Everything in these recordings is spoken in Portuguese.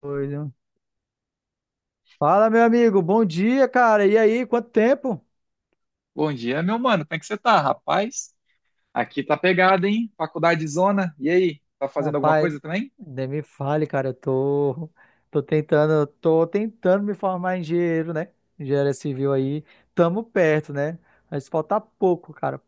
Coisa. Fala, meu amigo, bom dia, cara. E aí, quanto tempo? Bom dia, meu mano. Como é que você tá, rapaz? Aqui tá pegado, hein? Faculdade Zona. E aí, tá fazendo alguma Rapaz, coisa também? nem me fale, cara, tô tentando me formar em engenheiro, né? Engenharia civil aí, tamo perto, né? Mas falta pouco, cara.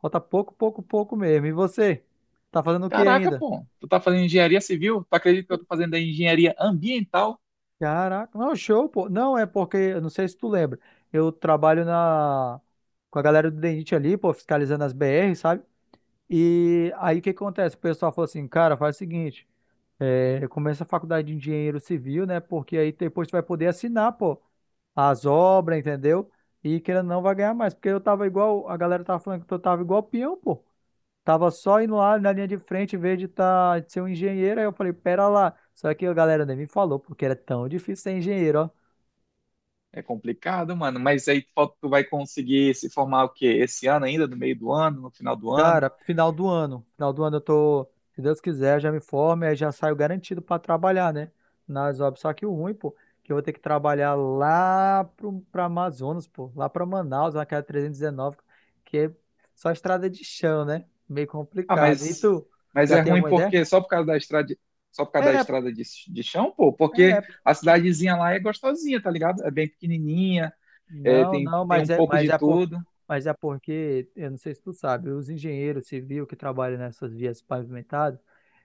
Falta pouco, pouco, pouco mesmo. E você? Tá fazendo o que Caraca, ainda? pô. Tu tá fazendo engenharia civil? Tu acredita que eu tô fazendo aí engenharia ambiental? Caraca, não, show, pô. Não, é porque, eu não sei se tu lembra, eu trabalho com a galera do DENIT ali, pô, fiscalizando as BR, sabe? E aí o que acontece? O pessoal falou assim, cara, faz o seguinte. Começa a faculdade de engenheiro civil, né? Porque aí depois tu vai poder assinar, pô, as obras, entendeu? E querendo ou não, vai ganhar mais. Porque eu tava igual, a galera tava falando que eu tava igual peão, pô. Tava só indo lá na linha de frente, em vez de ser um engenheiro. Aí eu falei, pera lá. Só que a galera nem me falou, porque era tão difícil ser engenheiro, ó. É complicado, mano. Mas aí tu vai conseguir se formar o quê? Esse ano ainda, no meio do ano, no final do ano? Cara, final do ano. Final do ano se Deus quiser, já me formo e aí já saio garantido pra trabalhar, né? Nas obras. Só que o ruim, pô, que eu vou ter que trabalhar lá pra Amazonas, pô, lá pra Manaus, naquela 319, que é só estrada de chão, né? Meio Ah, complicado. E mas, tu, mas já é tem ruim alguma ideia? porque só por causa É, da estrada de chão, pô. Porque é. a cidadezinha lá é gostosinha, tá ligado? É bem pequenininha, é, Não, tem, não, tem mas um é, pouco de tudo. mas é porque, eu não sei se tu sabe, os engenheiros civis que trabalham nessas vias pavimentadas,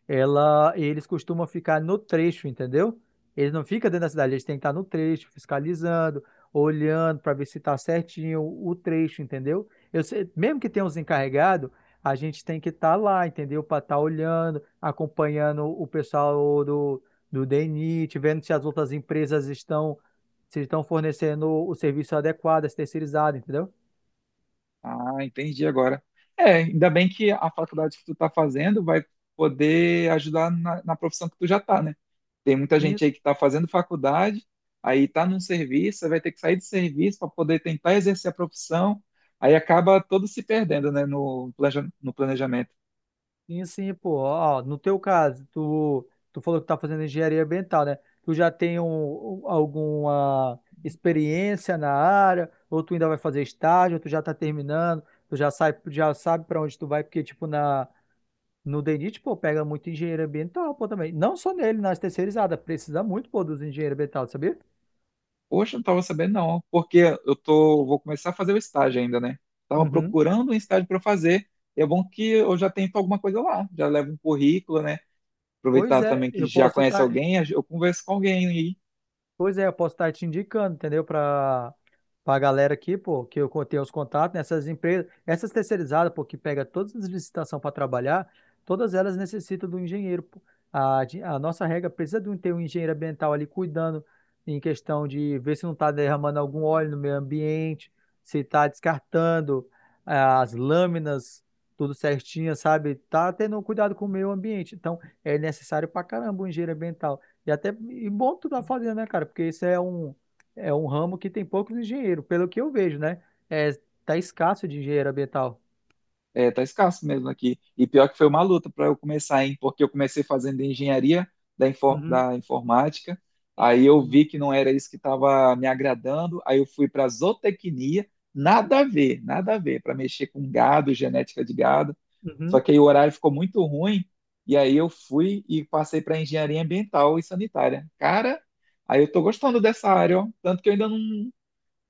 eles costumam ficar no trecho, entendeu? Eles não ficam dentro da cidade, eles têm que estar no trecho, fiscalizando, olhando para ver se está certinho o trecho, entendeu? Mesmo que tenha os encarregados, a gente tem que estar lá, entendeu? Para estar olhando, acompanhando o pessoal do DENIT, vendo se as outras empresas estão se estão fornecendo o serviço adequado, esse terceirizado, entendeu? Ah, entendi agora. É, ainda bem que a faculdade que tu tá fazendo vai poder ajudar na profissão que tu já tá, né? Tem muita Sim, gente aí que tá fazendo faculdade, aí tá num serviço, aí vai ter que sair do serviço para poder tentar exercer a profissão, aí acaba todo se perdendo, né, no, no planejamento. sim, sim, pô. Ó, no teu caso, tu falou que tá fazendo engenharia ambiental, né? Tu já tem alguma experiência na área, ou tu ainda vai fazer estágio, ou tu já tá terminando, já sabe para onde tu vai, porque, tipo, no DENIT, pô, pega muito engenheiro ambiental, pô, também. Não só nele, nas terceirizadas, precisa muito, pô, dos engenheiros ambientais, sabia? Poxa, não tava sabendo não, porque eu tô, vou começar a fazer o estágio ainda, né? Tava Uhum. procurando um estágio para fazer, e é bom que eu já tenho alguma coisa lá, já levo um currículo, né? Pois Aproveitar é, também que eu já posso conhece estar. alguém, eu converso com alguém e Pois é, eu posso estar te indicando, entendeu? Para a galera aqui, pô, que eu tenho os contatos nessas empresas, essas terceirizadas, pô, que pega todas as licitações para trabalhar, todas elas necessitam do engenheiro, pô. A nossa regra precisa ter um engenheiro ambiental ali cuidando em questão de ver se não está derramando algum óleo no meio ambiente, se está descartando as lâminas, tudo certinho, sabe? Tá tendo um cuidado com o meio ambiente. Então, é necessário pra caramba o engenheiro ambiental. E bom tu tá fazendo, né, cara? Porque isso é um ramo que tem poucos engenheiros, pelo que eu vejo, né? É, tá escasso de engenheiro ambiental. é, tá escasso mesmo aqui. E pior que foi uma luta para eu começar, hein? Porque eu comecei fazendo engenharia Uhum, da informática, aí eu vi que não era isso que estava me agradando, aí eu fui para zootecnia, nada a ver, nada a ver, para mexer com gado, genética de gado. Só uhum. que aí o horário ficou muito ruim, e aí eu fui e passei para engenharia ambiental e sanitária. Cara, aí eu tô gostando dessa área, ó. Tanto que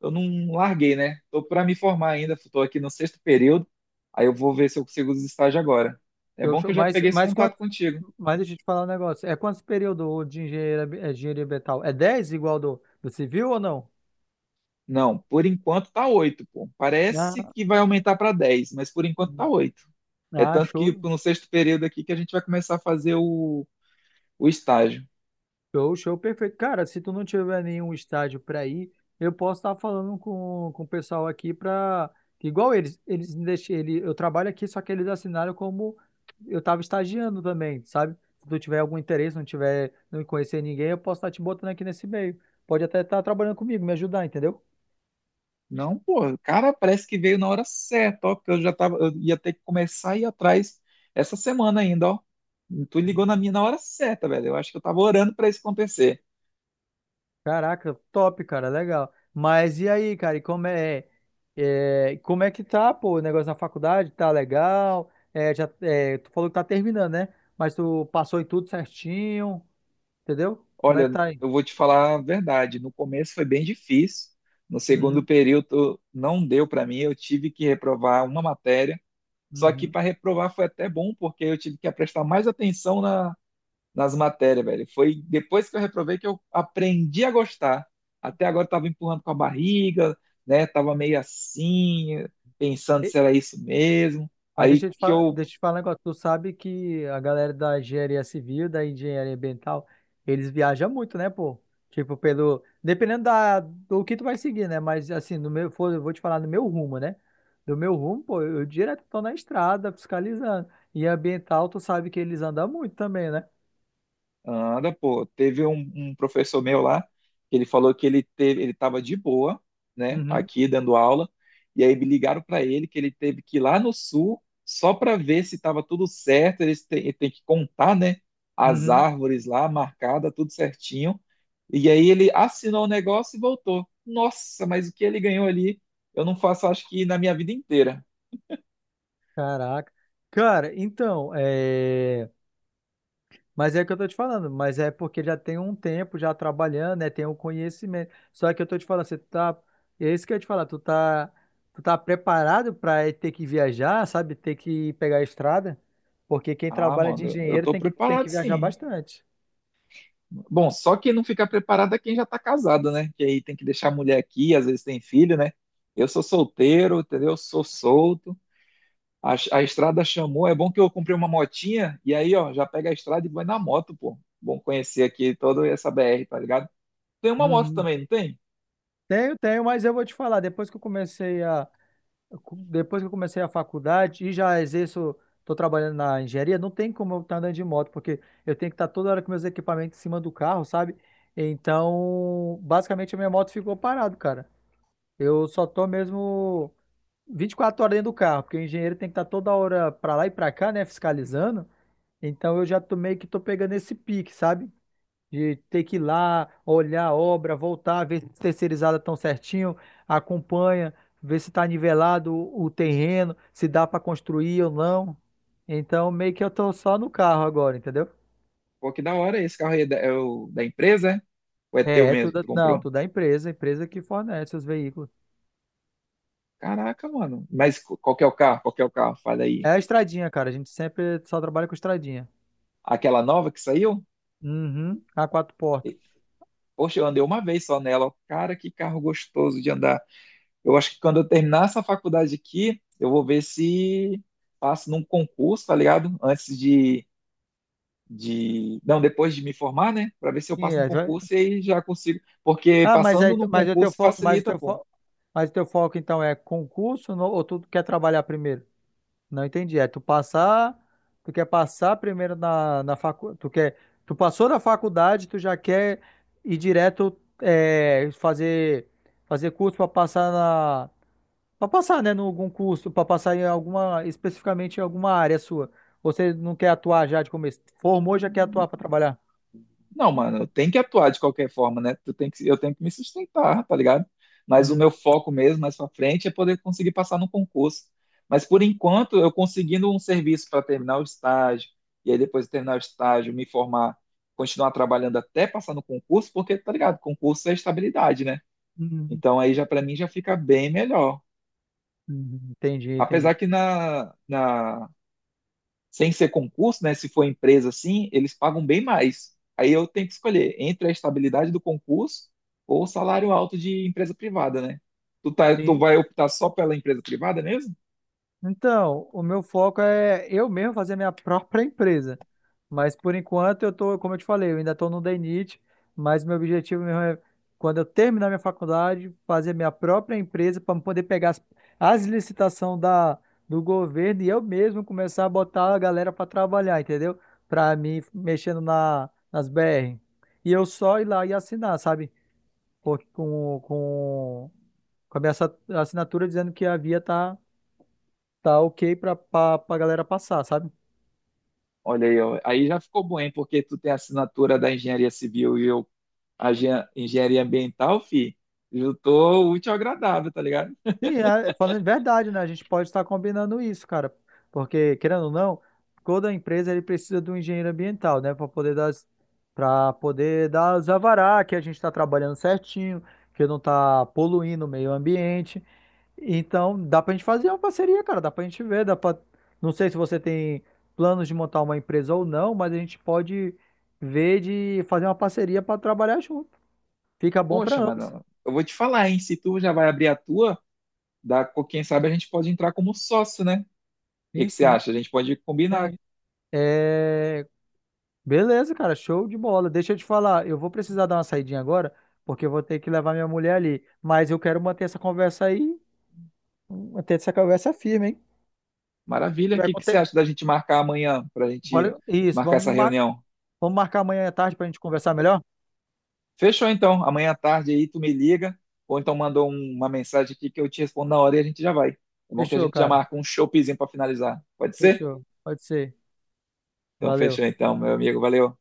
eu não larguei, né? Tô para me formar ainda, tô aqui no sexto período, aí eu vou ver se eu consigo os estágios agora. É Eu, bom que acho- eu já peguei esse mas, quanto, contato contigo. mas deixa eu te falar um negócio. É quantos períodos de engenharia ambiental? É 10 igual do civil ou não? Não, por enquanto tá 8, pô. Parece Ah, que vai aumentar para 10, mas por enquanto tá 8. É ah, tanto que show, no sexto período aqui que a gente vai começar a fazer o estágio. show, show, perfeito. Cara, se tu não tiver nenhum estádio para ir, eu posso estar falando com o pessoal aqui para igual eles me deixam, eu trabalho aqui, só que eles assinaram como eu estava estagiando também, sabe? Se tu tiver algum interesse, não tiver, não conhecer ninguém, eu posso estar te botando aqui nesse meio. Pode até estar trabalhando comigo, me ajudar, entendeu? Não, pô, cara, parece que veio na hora certa, ó, porque eu já tava, eu ia ter que começar a ir atrás essa semana ainda, ó. Tu ligou na minha na hora certa, velho. Eu acho que eu tava orando para isso acontecer. Caraca, top, cara, legal. Mas e aí, cara, e como é, como é que tá, pô, o negócio na faculdade? Tá legal? Tu falou que tá terminando, né? Mas tu passou em tudo certinho, entendeu? Como é que Olha, tá aí? eu vou te falar a verdade. No começo foi bem difícil. No segundo Uhum, período não deu para mim. Eu tive que reprovar uma matéria. Só que uhum. para reprovar foi até bom, porque eu tive que prestar mais atenção nas matérias, velho. Foi depois que eu reprovei que eu aprendi a gostar. Até agora eu estava empurrando com a barriga, né? Tava meio assim, pensando se era isso mesmo. Aí que eu Deixa eu te falar um negócio. Tu sabe que a galera da engenharia civil, da engenharia ambiental, eles viajam muito, né, pô? Tipo, pelo. dependendo do que tu vai seguir, né? Mas assim, no meu, for- eu vou te falar no meu rumo, né? Do meu rumo, pô, eu direto tô na estrada fiscalizando. E ambiental, tu sabe que eles andam muito também, né? anda, pô. Teve um professor meu lá, que ele falou que ele teve, ele estava de boa, né, Uhum, aqui dando aula, e aí me ligaram para ele que ele teve que ir lá no sul só para ver se estava tudo certo. Ele tem que contar, né, as uhum. árvores lá marcada, tudo certinho. E aí ele assinou o negócio e voltou. Nossa, mas o que ele ganhou ali, eu não faço, acho que na minha vida inteira. Caraca. Cara, então, é. Mas é o que eu tô te falando, mas é porque já tem um tempo já trabalhando, né? Tem um conhecimento. Só que eu tô te falando, você tá. É isso que eu ia te falar, tu tá preparado para ter que viajar, sabe? Ter que pegar a estrada? Porque quem Ah, trabalha de mano, eu engenheiro tô tem que preparado viajar sim. bastante. Bom, só quem não fica preparado é quem já está casado, né? Que aí tem que deixar a mulher aqui, às vezes tem filho, né? Eu sou solteiro, entendeu? Sou solto. A estrada chamou. É bom que eu comprei uma motinha e aí, ó, já pega a estrada e vai na moto, pô. Bom conhecer aqui toda essa BR, tá ligado? Tem uma moto Uhum. também, não tem? Tenho, tenho, mas eu vou te falar, depois que eu comecei a faculdade e já exerço, estou trabalhando na engenharia, não tem como eu estar andando de moto, porque eu tenho que estar toda hora com meus equipamentos em cima do carro, sabe? Então, basicamente, a minha moto ficou parada, cara. Eu só tô mesmo 24 horas dentro do carro, porque o engenheiro tem que estar toda hora para lá e para cá, né, fiscalizando. Então, eu já tô meio que tô pegando esse pique, sabe? De ter que ir lá, olhar a obra, voltar, ver se terceirizada tão certinho, acompanha, ver se está nivelado o terreno, se dá para construir ou não. Então, meio que eu tô só no carro agora, entendeu? Pô, que da hora. Esse carro aí é o da empresa, é? Ou é teu É, é mesmo que tudo, tu não, comprou? tudo é empresa que fornece os veículos. Caraca, mano. Mas qual que é o carro? Qual que é o carro? Fala É aí. a estradinha, cara, a gente sempre só trabalha com estradinha. Aquela nova que saiu? Uhum, a quatro portas. Poxa, eu andei uma vez só nela, ó. Cara, que carro gostoso de andar. Eu acho que quando eu terminar essa faculdade aqui, eu vou ver se passo num concurso, tá ligado? Antes de... Não, depois de me formar, né? Pra ver se eu Sim, passo num é, concurso e aí já consigo. Porque ah, mas aí, passando num concurso facilita, pô. Mas o teu foco então é concurso ou tu quer trabalhar primeiro? Não entendi. Tu quer passar primeiro na faculdade, tu passou na faculdade, tu já quer ir direto fazer curso para passar na né, em algum curso, para passar em alguma especificamente em alguma área sua. Você não quer atuar já de começo. Formou, já quer atuar para trabalhar. Não, mano, eu tenho que atuar de qualquer forma, né? Eu tenho que me sustentar, tá ligado? Mas o Uhum, meu foco mesmo, mais pra frente, é poder conseguir passar no concurso. Mas por enquanto, eu conseguindo um serviço para terminar o estágio, e aí depois de terminar o estágio, me formar, continuar trabalhando até passar no concurso, porque, tá ligado? Concurso é estabilidade, né? uhum, Então aí já para mim já fica bem melhor. uhum. Entendi, entendi. Apesar que na sem ser concurso, né? Se for empresa assim, eles pagam bem mais. Aí eu tenho que escolher entre a estabilidade do concurso ou o salário alto de empresa privada, né? Tu Sim, vai optar só pela empresa privada mesmo? então, o meu foco é eu mesmo fazer minha própria empresa. Mas por enquanto como eu te falei, eu ainda estou no DNIT, mas meu objetivo mesmo é quando eu terminar minha faculdade, fazer minha própria empresa para poder pegar as licitações da do governo e eu mesmo começar a botar a galera para trabalhar, entendeu? Para mim mexendo na nas BR. E eu só ir lá e assinar, sabe? Por- Com com com a minha assinatura dizendo que a via tá ok pra galera passar, sabe? Olha aí, ó. Aí já ficou bom, hein? Porque tu tem a assinatura da engenharia civil e eu engenharia ambiental, fi. Eu tô útil ao agradável, tá ligado? Sim, é falando de verdade, né? A gente pode estar combinando isso, cara. Porque, querendo ou não, toda empresa ele precisa de um engenheiro ambiental, né? Para poder dar os alvará que a gente está trabalhando certinho, que não está poluindo o meio ambiente. Então, dá para a gente fazer uma parceria, cara. Dá para a gente ver, dá para. Não sei se você tem planos de montar uma empresa ou não, mas a gente pode ver de fazer uma parceria para trabalhar junto. Fica bom para Poxa, ambos. mano, eu vou te falar, hein? Se tu já vai abrir a tua, dá, quem sabe a gente pode entrar como sócio, né? O que Sim, que você sim. acha? A gente pode combinar. Sim. É. Beleza, cara, show de bola. Deixa eu te falar, eu vou precisar dar uma saidinha agora, porque eu vou ter que levar minha mulher ali. Mas eu quero manter essa conversa aí, manter essa conversa firme, hein? Se Maravilha. O tiver que que você conte- acha da gente marcar amanhã, para a gente Bora. Isso, marcar essa reunião? vamos marcar amanhã à tarde pra gente conversar melhor? Fechou então. Amanhã à tarde aí tu me liga, ou então manda uma mensagem aqui que eu te respondo na hora e a gente já vai. Tá bom? Que a Fechou, gente já cara. marca um showzinho para finalizar. Pode ser? Fechou. Pode ser. Então Valeu. fechou então, meu amigo. Valeu.